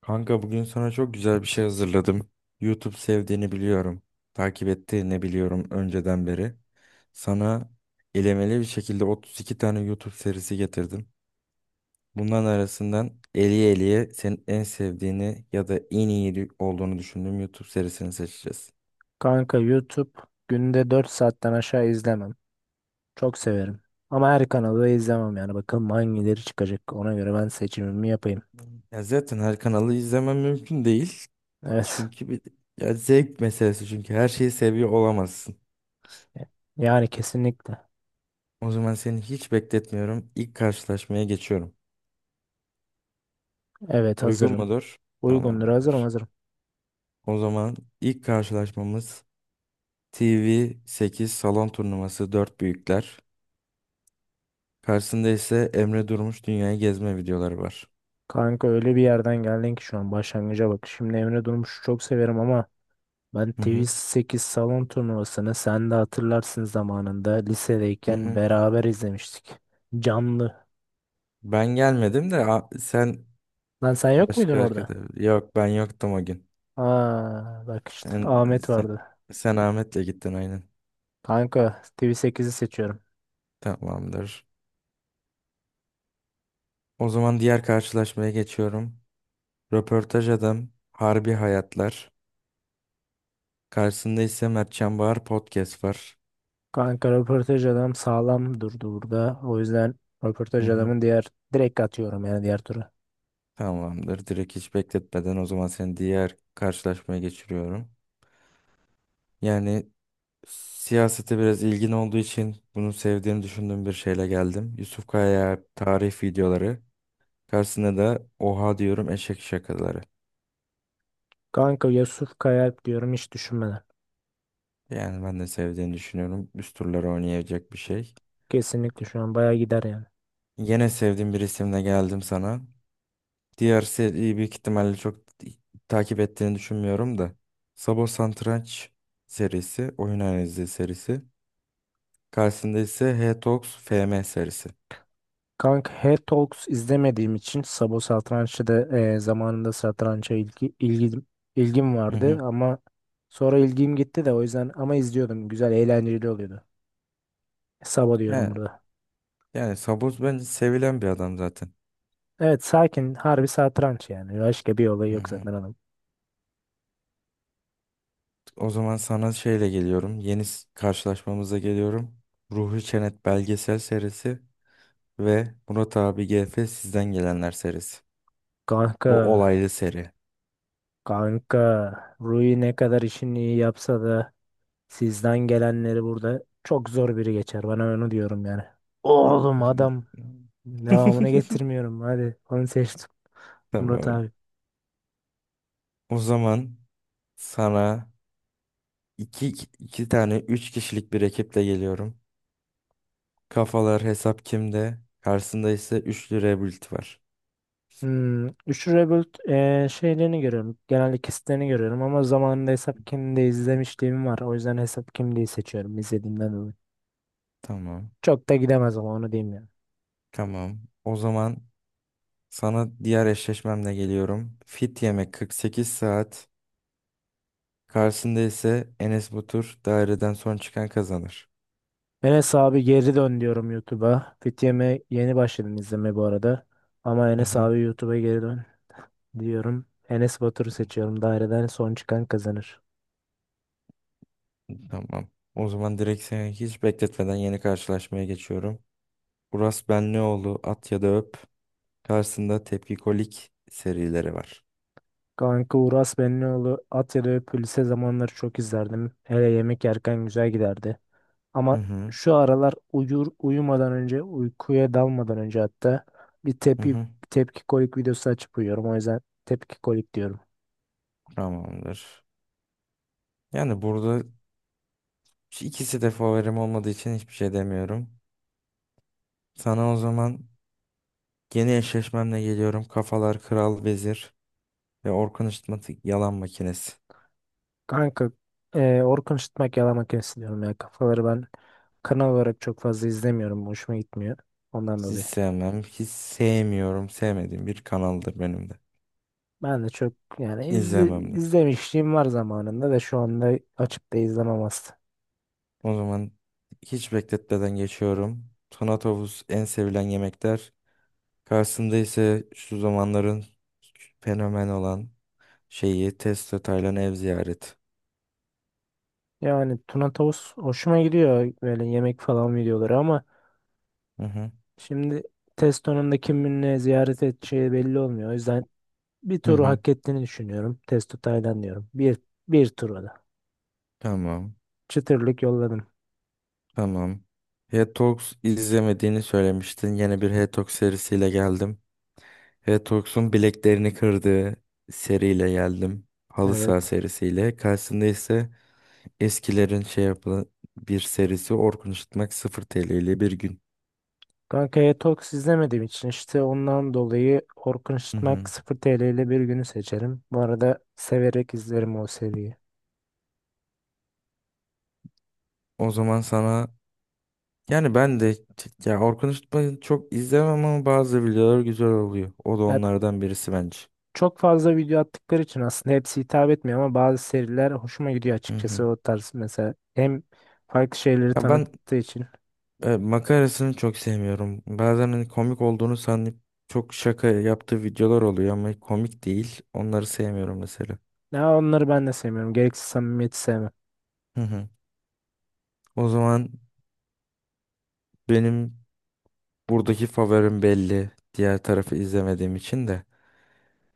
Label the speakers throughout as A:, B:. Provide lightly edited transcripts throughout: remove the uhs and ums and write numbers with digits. A: Kanka bugün sana çok güzel bir şey hazırladım. YouTube sevdiğini biliyorum. Takip ettiğini biliyorum önceden beri. Sana elemeli bir şekilde 32 tane YouTube serisi getirdim. Bunların arasından eliye eliye senin en sevdiğini ya da en iyi olduğunu düşündüğüm YouTube serisini seçeceğiz.
B: Kanka YouTube günde 4 saatten aşağı izlemem. Çok severim. Ama her kanalı da izlemem yani. Bakalım hangileri çıkacak. Ona göre ben seçimimi yapayım.
A: Ya zaten her kanalı izlemem mümkün değil.
B: Evet.
A: Çünkü bir ya zevk meselesi, çünkü her şeyi seviyor olamazsın.
B: Yani kesinlikle.
A: O zaman seni hiç bekletmiyorum. İlk karşılaşmaya geçiyorum.
B: Evet,
A: Uygun
B: hazırım.
A: mudur?
B: Uygundur, hazırım,
A: Tamamdır.
B: hazırım.
A: O zaman ilk karşılaşmamız TV8 salon turnuvası 4 büyükler. Karşısında ise Emre Durmuş dünyayı gezme videoları var.
B: Kanka öyle bir yerden geldin ki şu an başlangıca bak. Şimdi Emre Durmuş'u çok severim ama ben
A: Hı hı.
B: TV8 salon turnuvasını sen de hatırlarsın zamanında
A: Hı
B: lisedeyken
A: hı.
B: beraber izlemiştik. Canlı.
A: Ben gelmedim de sen
B: Lan sen yok muydun
A: başka
B: orada?
A: arkadaş. Yok, ben yoktum o gün.
B: Aa bak işte
A: Sen,
B: Ahmet
A: sen,
B: vardı.
A: sen Ahmet'le gittin aynen.
B: Kanka TV8'i seçiyorum.
A: Tamamdır. O zaman diğer karşılaşmaya geçiyorum. Röportaj Adam Harbi Hayatlar. Karşısında ise Mertcan Bahar Podcast var.
B: Kanka röportaj adam sağlam durdu burada. O yüzden
A: Hı
B: röportaj
A: hı.
B: adamın diğer direkt atıyorum yani diğer tura.
A: Tamamdır. Direkt hiç bekletmeden o zaman seni diğer karşılaşmaya geçiriyorum. Yani siyasete biraz ilgin olduğu için bunu sevdiğini düşündüğüm bir şeyle geldim. Yusuf Kaya tarih videoları. Karşısında da oha diyorum eşek şakaları.
B: Kanka Yusuf Kayalp diyorum hiç düşünmeden.
A: Yani ben de sevdiğini düşünüyorum. Üst turları oynayacak bir şey.
B: Kesinlikle şu an bayağı gider yani.
A: Yine sevdiğim bir isimle geldim sana. Diğer seriyi büyük ihtimalle çok takip ettiğini düşünmüyorum da. Sabo Satranç serisi, oyun analizi serisi. Karşısında ise Hetox FM serisi.
B: Kanka Her Talks izlemediğim için Sabo Satranç'ı da zamanında satrança ilgim
A: Hı
B: vardı
A: hı.
B: ama sonra ilgim gitti de o yüzden ama izliyordum. Güzel, eğlenceli oluyordu. Sabo diyorum
A: Yani,
B: burada.
A: yani Saboz bence sevilen bir adam zaten.
B: Evet, sakin harbi satranç yani. Başka bir olay
A: Hı
B: yok
A: hı.
B: zaten adam.
A: O zaman sana şeyle geliyorum. Karşılaşmamıza geliyorum. Ruhi Çenet belgesel serisi ve Murat abi GF Sizden Gelenler serisi.
B: Kanka
A: Bu olaylı seri.
B: Kanka Rui ne kadar işini iyi yapsa da sizden gelenleri burada çok zor biri geçer. Bana onu diyorum yani. Oğlum adam devamını getirmiyorum. Hadi onu seçtim Murat
A: Tamam.
B: abi.
A: O zaman sana iki, iki tane üç kişilik bir ekiple geliyorum. Kafalar Hesap Kimde? Karşısında ise üçlü rebuild var.
B: Üçlü Rebuild şeylerini görüyorum. Genelde kesitlerini görüyorum ama zamanında Hesap kimliği izlemişliğim var. O yüzden Hesap kimliği seçiyorum izlediğimden dolayı.
A: Tamam.
B: Çok da gidemez ama onu diyeyim yani.
A: Tamam. O zaman sana diğer eşleşmemle geliyorum. Fit yemek 48 saat. Karşısında ise Enes Batur daireden son çıkan kazanır.
B: Enes abi geri dön diyorum YouTube'a. Fitiyem'e yeni başladım izlemeye bu arada. Ama
A: Hı
B: Enes
A: hı.
B: abi YouTube'a geri dön diyorum. Enes Batur'u seçiyorum. Daireden son çıkan kazanır.
A: Tamam. O zaman direkt seni hiç bekletmeden yeni karşılaşmaya geçiyorum. Uras Benlioğlu at ya da öp. Karşısında tepkikolik serileri var.
B: Kanka Uras Benlioğlu at ya da öp lise zamanları çok izlerdim. Hele yemek yerken güzel giderdi.
A: Hı
B: Ama
A: hı.
B: şu aralar uyur uyumadan önce uykuya dalmadan önce hatta bir
A: Hı
B: tepki
A: hı.
B: tepki kolik videosu açıp uyuyorum. O yüzden tepki kolik diyorum.
A: Tamamdır. Yani burada ikisi de favorim olmadığı için hiçbir şey demiyorum. Sana o zaman yeni eşleşmemle geliyorum. Kafalar Kral Vezir ve Orkun Işıtmatik Yalan Makinesi.
B: Kanka Orkun Işıtmak Yalama Makinesi diyorum ya. Kafaları ben kanal olarak çok fazla izlemiyorum. Hoşuma gitmiyor. Ondan
A: Hiç
B: dolayı.
A: sevmem. Hiç sevmiyorum. Sevmediğim bir kanaldır benim de.
B: Ben de çok yani
A: İzlemem de.
B: izlemişliğim var zamanında da şu anda açıp da izlemem aslında.
A: O zaman hiç bekletmeden geçiyorum. Tonatovuz en sevilen yemekler. Karşısında ise şu zamanların fenomen olan şeyi Testo Taylan ev ziyaret.
B: Yani Tuna Tavus hoşuma gidiyor böyle yemek falan videoları ama
A: Hı hı.
B: şimdi Testo'nun da kiminle ziyaret edeceği belli olmuyor. O yüzden bir
A: Hı
B: turu
A: hı.
B: hak ettiğini düşünüyorum. Testo Taylan diyorum. Bir turu da.
A: Tamam.
B: Çıtırlık yolladım.
A: Tamam. Hetox izlemediğini söylemiştin. Yeni bir Hetox serisiyle geldim. Hetox'un bileklerini kırdığı seriyle geldim. Halı saha
B: Evet.
A: serisiyle. Karşısında ise eskilerin şey yapılan bir serisi Orkun Işıtmak 0 TL ile bir gün.
B: Kankaya Talks izlemediğim için işte ondan dolayı Orkun
A: Hı
B: Işıtmak
A: hı.
B: 0 TL ile bir günü seçerim. Bu arada severek izlerim o seriyi.
A: O zaman sana, yani ben de ya Orkun Işıtmak'ı çok izlemem ama bazı videolar güzel oluyor. O da
B: Ya
A: onlardan birisi bence.
B: çok fazla video attıkları için aslında hepsi hitap etmiyor ama bazı seriler hoşuma gidiyor
A: Hı
B: açıkçası
A: hı.
B: o tarz mesela. Hem farklı şeyleri
A: Ya ben
B: tanıttığı için.
A: makarasını çok sevmiyorum. Bazen hani komik olduğunu sanıp çok şaka yaptığı videolar oluyor ama komik değil. Onları sevmiyorum mesela.
B: Ya onları ben de sevmiyorum. Gereksiz samimiyeti sevmem.
A: Hı hı. O zaman benim buradaki favorim belli. Diğer tarafı izlemediğim için de.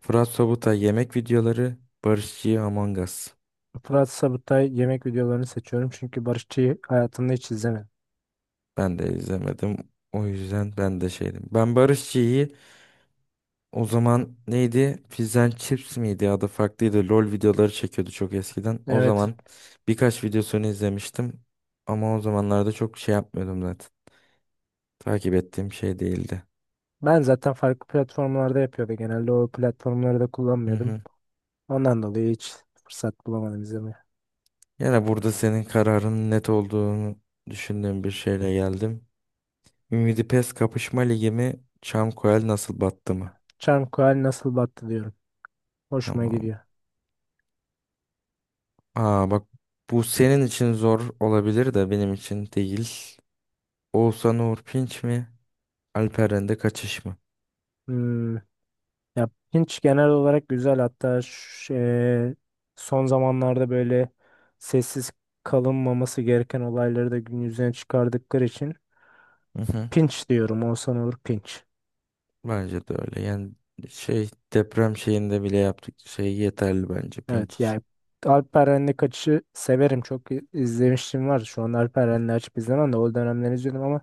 A: Fırat Sobutay yemek videoları, Barışçı'yı Among Us.
B: Fırat Sabutay yemek videolarını seçiyorum çünkü Barışçı'yı hayatımda hiç izlemedim.
A: Ben de izlemedim. O yüzden ben de şeydim. Ben Barışçı'yı o zaman neydi? Fizz and Chips miydi? Adı farklıydı. LOL videoları çekiyordu çok eskiden. O
B: Evet.
A: zaman birkaç videosunu izlemiştim. Ama o zamanlarda çok şey yapmıyordum zaten. Takip ettiğim şey değildi.
B: Ben zaten farklı platformlarda yapıyordu. Genelde o platformları da
A: Hı
B: kullanmıyordum.
A: hı.
B: Ondan dolayı hiç fırsat bulamadım izlemeye.
A: Yine burada senin kararının net olduğunu düşündüğüm bir şeyle geldim. Ümidi Pes kapışma ligi mi? Çamkoel nasıl battı mı?
B: Çarmıh Kuali nasıl battı diyorum. Hoşuma
A: Tamam.
B: gidiyor.
A: Aa bak, bu senin için zor olabilir de benim için değil. Oğuzhan Uğur Pinç mi? Alperen'de kaçış mı?
B: Hmm. Ya Pinch genel olarak güzel, hatta son zamanlarda böyle sessiz kalınmaması gereken olayları da gün yüzüne çıkardıkları için
A: Hı hı.
B: Pinch diyorum. Olsan olur Pinch.
A: Bence de öyle. Yani şey deprem şeyinde bile yaptık. Şey yeterli bence
B: Evet,
A: Pinç için.
B: yani Alperen'le kaçışı severim. Çok izlemiştim var. Şu an Alperen'le açıp izlemem de o dönemler izliyordum ama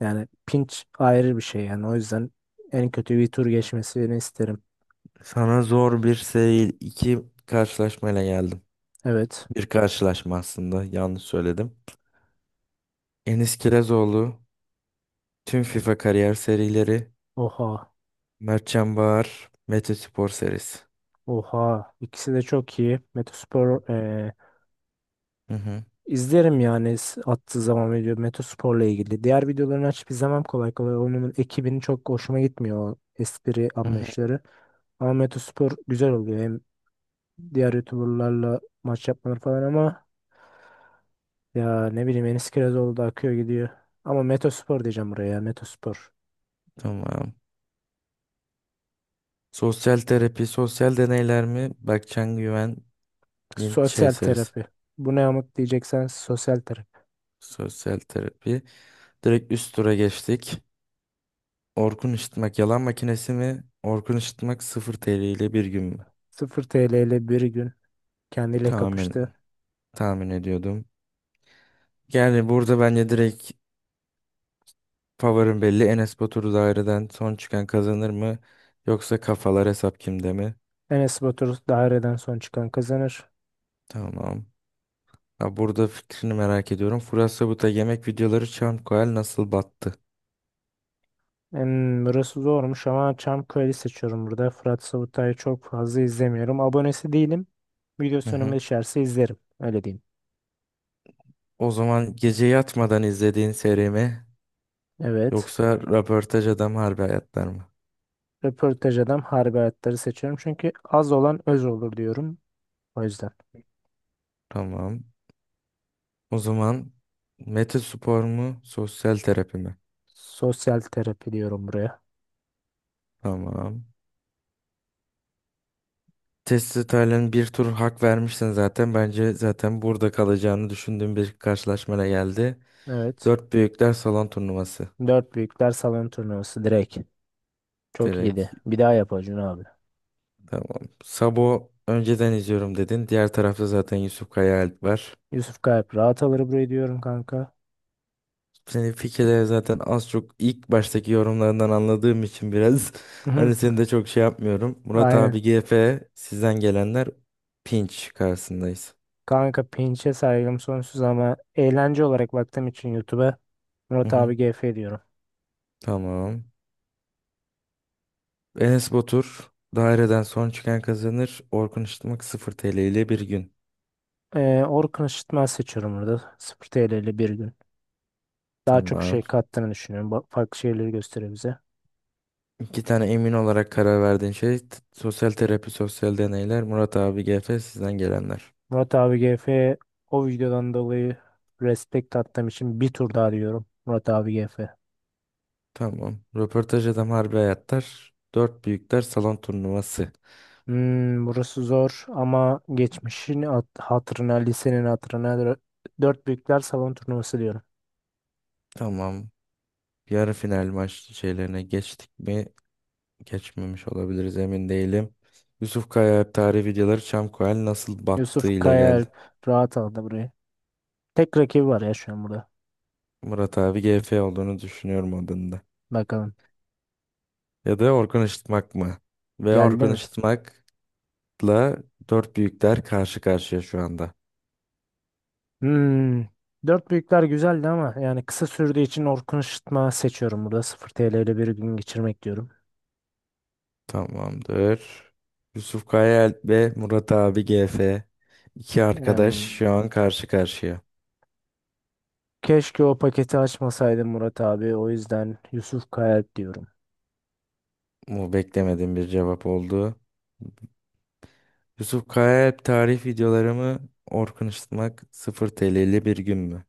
B: yani Pinch ayrı bir şey yani. O yüzden en kötü bir tur geçmesini isterim.
A: Sana zor bir seri iki karşılaşmayla geldim.
B: Evet.
A: Bir karşılaşma aslında, yanlış söyledim. Enis Kirazoğlu, tüm FIFA kariyer serileri,
B: Oha.
A: Mertcan Bahar, Mete Spor serisi.
B: Oha. İkisi de çok iyi. Metospor
A: Hı hı.
B: İzlerim yani attığı zaman video Metospor'la ilgili. Diğer videolarını açıp izlemem kolay kolay. Onun ekibinin çok hoşuma gitmiyor o espri
A: Hı hı.
B: anlayışları. Ama Metospor güzel oluyor. Hem diğer YouTuber'larla maç yapmaları falan ama ya ne bileyim Enis Kirazoğlu da akıyor gidiyor. Ama Metospor diyeceğim buraya ya Metospor.
A: Tamam. Sosyal terapi, sosyal deneyler mi? Berkcan Güven'in şey
B: Sosyal
A: serisi.
B: terapi. Bu ne amık diyeceksen sosyal terapi.
A: Sosyal terapi. Direkt üst tura geçtik. Orkun Işıtmak yalan makinesi mi? Orkun Işıtmak 0 TL ile bir gün mü?
B: 0 TL ile bir gün kendiyle
A: Tahmin,
B: kapıştı.
A: tahmin ediyordum. Yani burada bence direkt favorim belli. Enes Batur daireden son çıkan kazanır mı? Yoksa kafalar hesap kimde mi?
B: Enes Batur daireden son çıkan kazanır.
A: Tamam. Ha, burada fikrini merak ediyorum. Furasabı'da yemek videoları çan koyal nasıl battı?
B: Burası zormuş ama Çamköy'ü seçiyorum burada. Fırat Savutay'ı çok fazla izlemiyorum. Abonesi değilim.
A: Hı
B: Videosu önüme
A: hı.
B: düşerse izlerim. Öyle diyeyim.
A: O zaman gece yatmadan izlediğin seri mi?
B: Evet.
A: Yoksa röportaj adam harbi hayatlar mı?
B: Röportaj adam harbi hayatları seçiyorum. Çünkü az olan öz olur diyorum. O yüzden.
A: Tamam. O zaman Mete Spor mu? Sosyal terapi mi?
B: Sosyal terapi diyorum buraya.
A: Tamam. Testi Taylan'ın bir tur hak vermişsin zaten. Bence zaten burada kalacağını düşündüğüm bir karşılaşmaya geldi.
B: Evet.
A: Dört büyükler salon turnuvası.
B: Dört büyükler salon turnuvası direkt. Çok iyiydi.
A: Direkt.
B: Bir daha yap Acun abi.
A: Tamam. Sabo önceden izliyorum dedin. Diğer tarafta zaten Yusuf Kaya Alp var.
B: Yusuf Kayıp rahat alır burayı diyorum kanka.
A: Senin fikirleri zaten az çok ilk baştaki yorumlarından anladığım için biraz hani seni de çok şey yapmıyorum. Murat
B: Aynen.
A: abi GF sizden gelenler pinç karşısındayız.
B: Kanka pinçe saygım sonsuz ama eğlence olarak baktığım için YouTube'a
A: Hı
B: Murat
A: hı.
B: abi GF diyorum.
A: Tamam. Enes Batur daireden son çıkan kazanır. Orkun Işıtmak 0 TL ile bir gün.
B: Orkun Işıtmaz seçiyorum burada. 0 TL ile bir gün. Daha çok
A: Tamam.
B: şey kattığını düşünüyorum. Farklı şeyleri gösteriyor bize.
A: İki tane emin olarak karar verdiğin şey, sosyal terapi, sosyal deneyler. Murat abi GF sizden gelenler.
B: Murat abi GF o videodan dolayı Respect attığım için bir tur daha diyorum. Murat abi GF.
A: Tamam. Röportaj adam harbi hayatlar. Dört büyükler salon turnuvası.
B: Burası zor ama geçmişin hatırına, lisenin hatırına dört büyükler salon turnuvası diyorum.
A: Tamam. Yarı final maç şeylerine geçtik mi? Geçmemiş olabiliriz, emin değilim. Yusuf Kaya tarih videoları Çamkoel nasıl battığı
B: Yusuf
A: ile geldi.
B: Kayaalp rahat aldı burayı. Tek rakibi var ya şu an burada.
A: Murat abi GF olduğunu düşünüyorum adında.
B: Bakalım.
A: Ya da Orkun Işıtmak mı? Ve
B: Geldi
A: Orkun
B: mi?
A: Işıtmak'la dört büyükler karşı karşıya şu anda.
B: Hmm. Dört büyükler güzeldi ama yani kısa sürdüğü için Orkun Işıtma seçiyorum burada. 0 TL ile bir gün geçirmek diyorum.
A: Tamamdır. Yusuf Kayaalp ve Murat abi GF. İki arkadaş
B: Hmm,
A: şu an karşı karşıya.
B: Keşke o paketi açmasaydım Murat abi. O yüzden Yusuf Kayalp diyorum.
A: Bu beklemediğim bir cevap oldu. Yusuf Kayaalp tarih videolarımı Orkun Işıtmak 0 TL'li bir gün mü?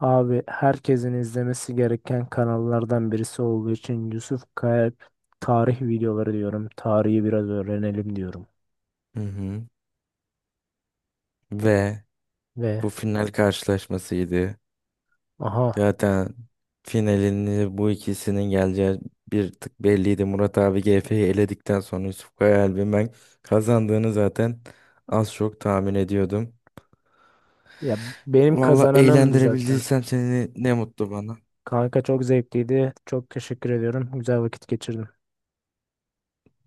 B: Abi herkesin izlemesi gereken kanallardan birisi olduğu için Yusuf Kayalp tarih videoları diyorum. Tarihi biraz öğrenelim diyorum.
A: Hı hı. Ve
B: Ve.
A: bu final karşılaşmasıydı.
B: Aha.
A: Zaten finalini bu ikisinin geleceği bir tık belliydi. Murat abi GF'yi eledikten sonra Yusuf Kayaalp'in ben kazandığını zaten az çok tahmin ediyordum.
B: Ya benim
A: Valla
B: kazananımdı zaten.
A: eğlendirebildiysem seni, ne mutlu bana.
B: Kanka çok zevkliydi. Çok teşekkür ediyorum. Güzel vakit geçirdim.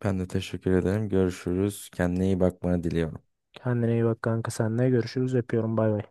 A: Ben de teşekkür ederim. Görüşürüz. Kendine iyi bakmanı diliyorum.
B: Kendine iyi bak kanka. Seninle görüşürüz. Öpüyorum. Bay bay.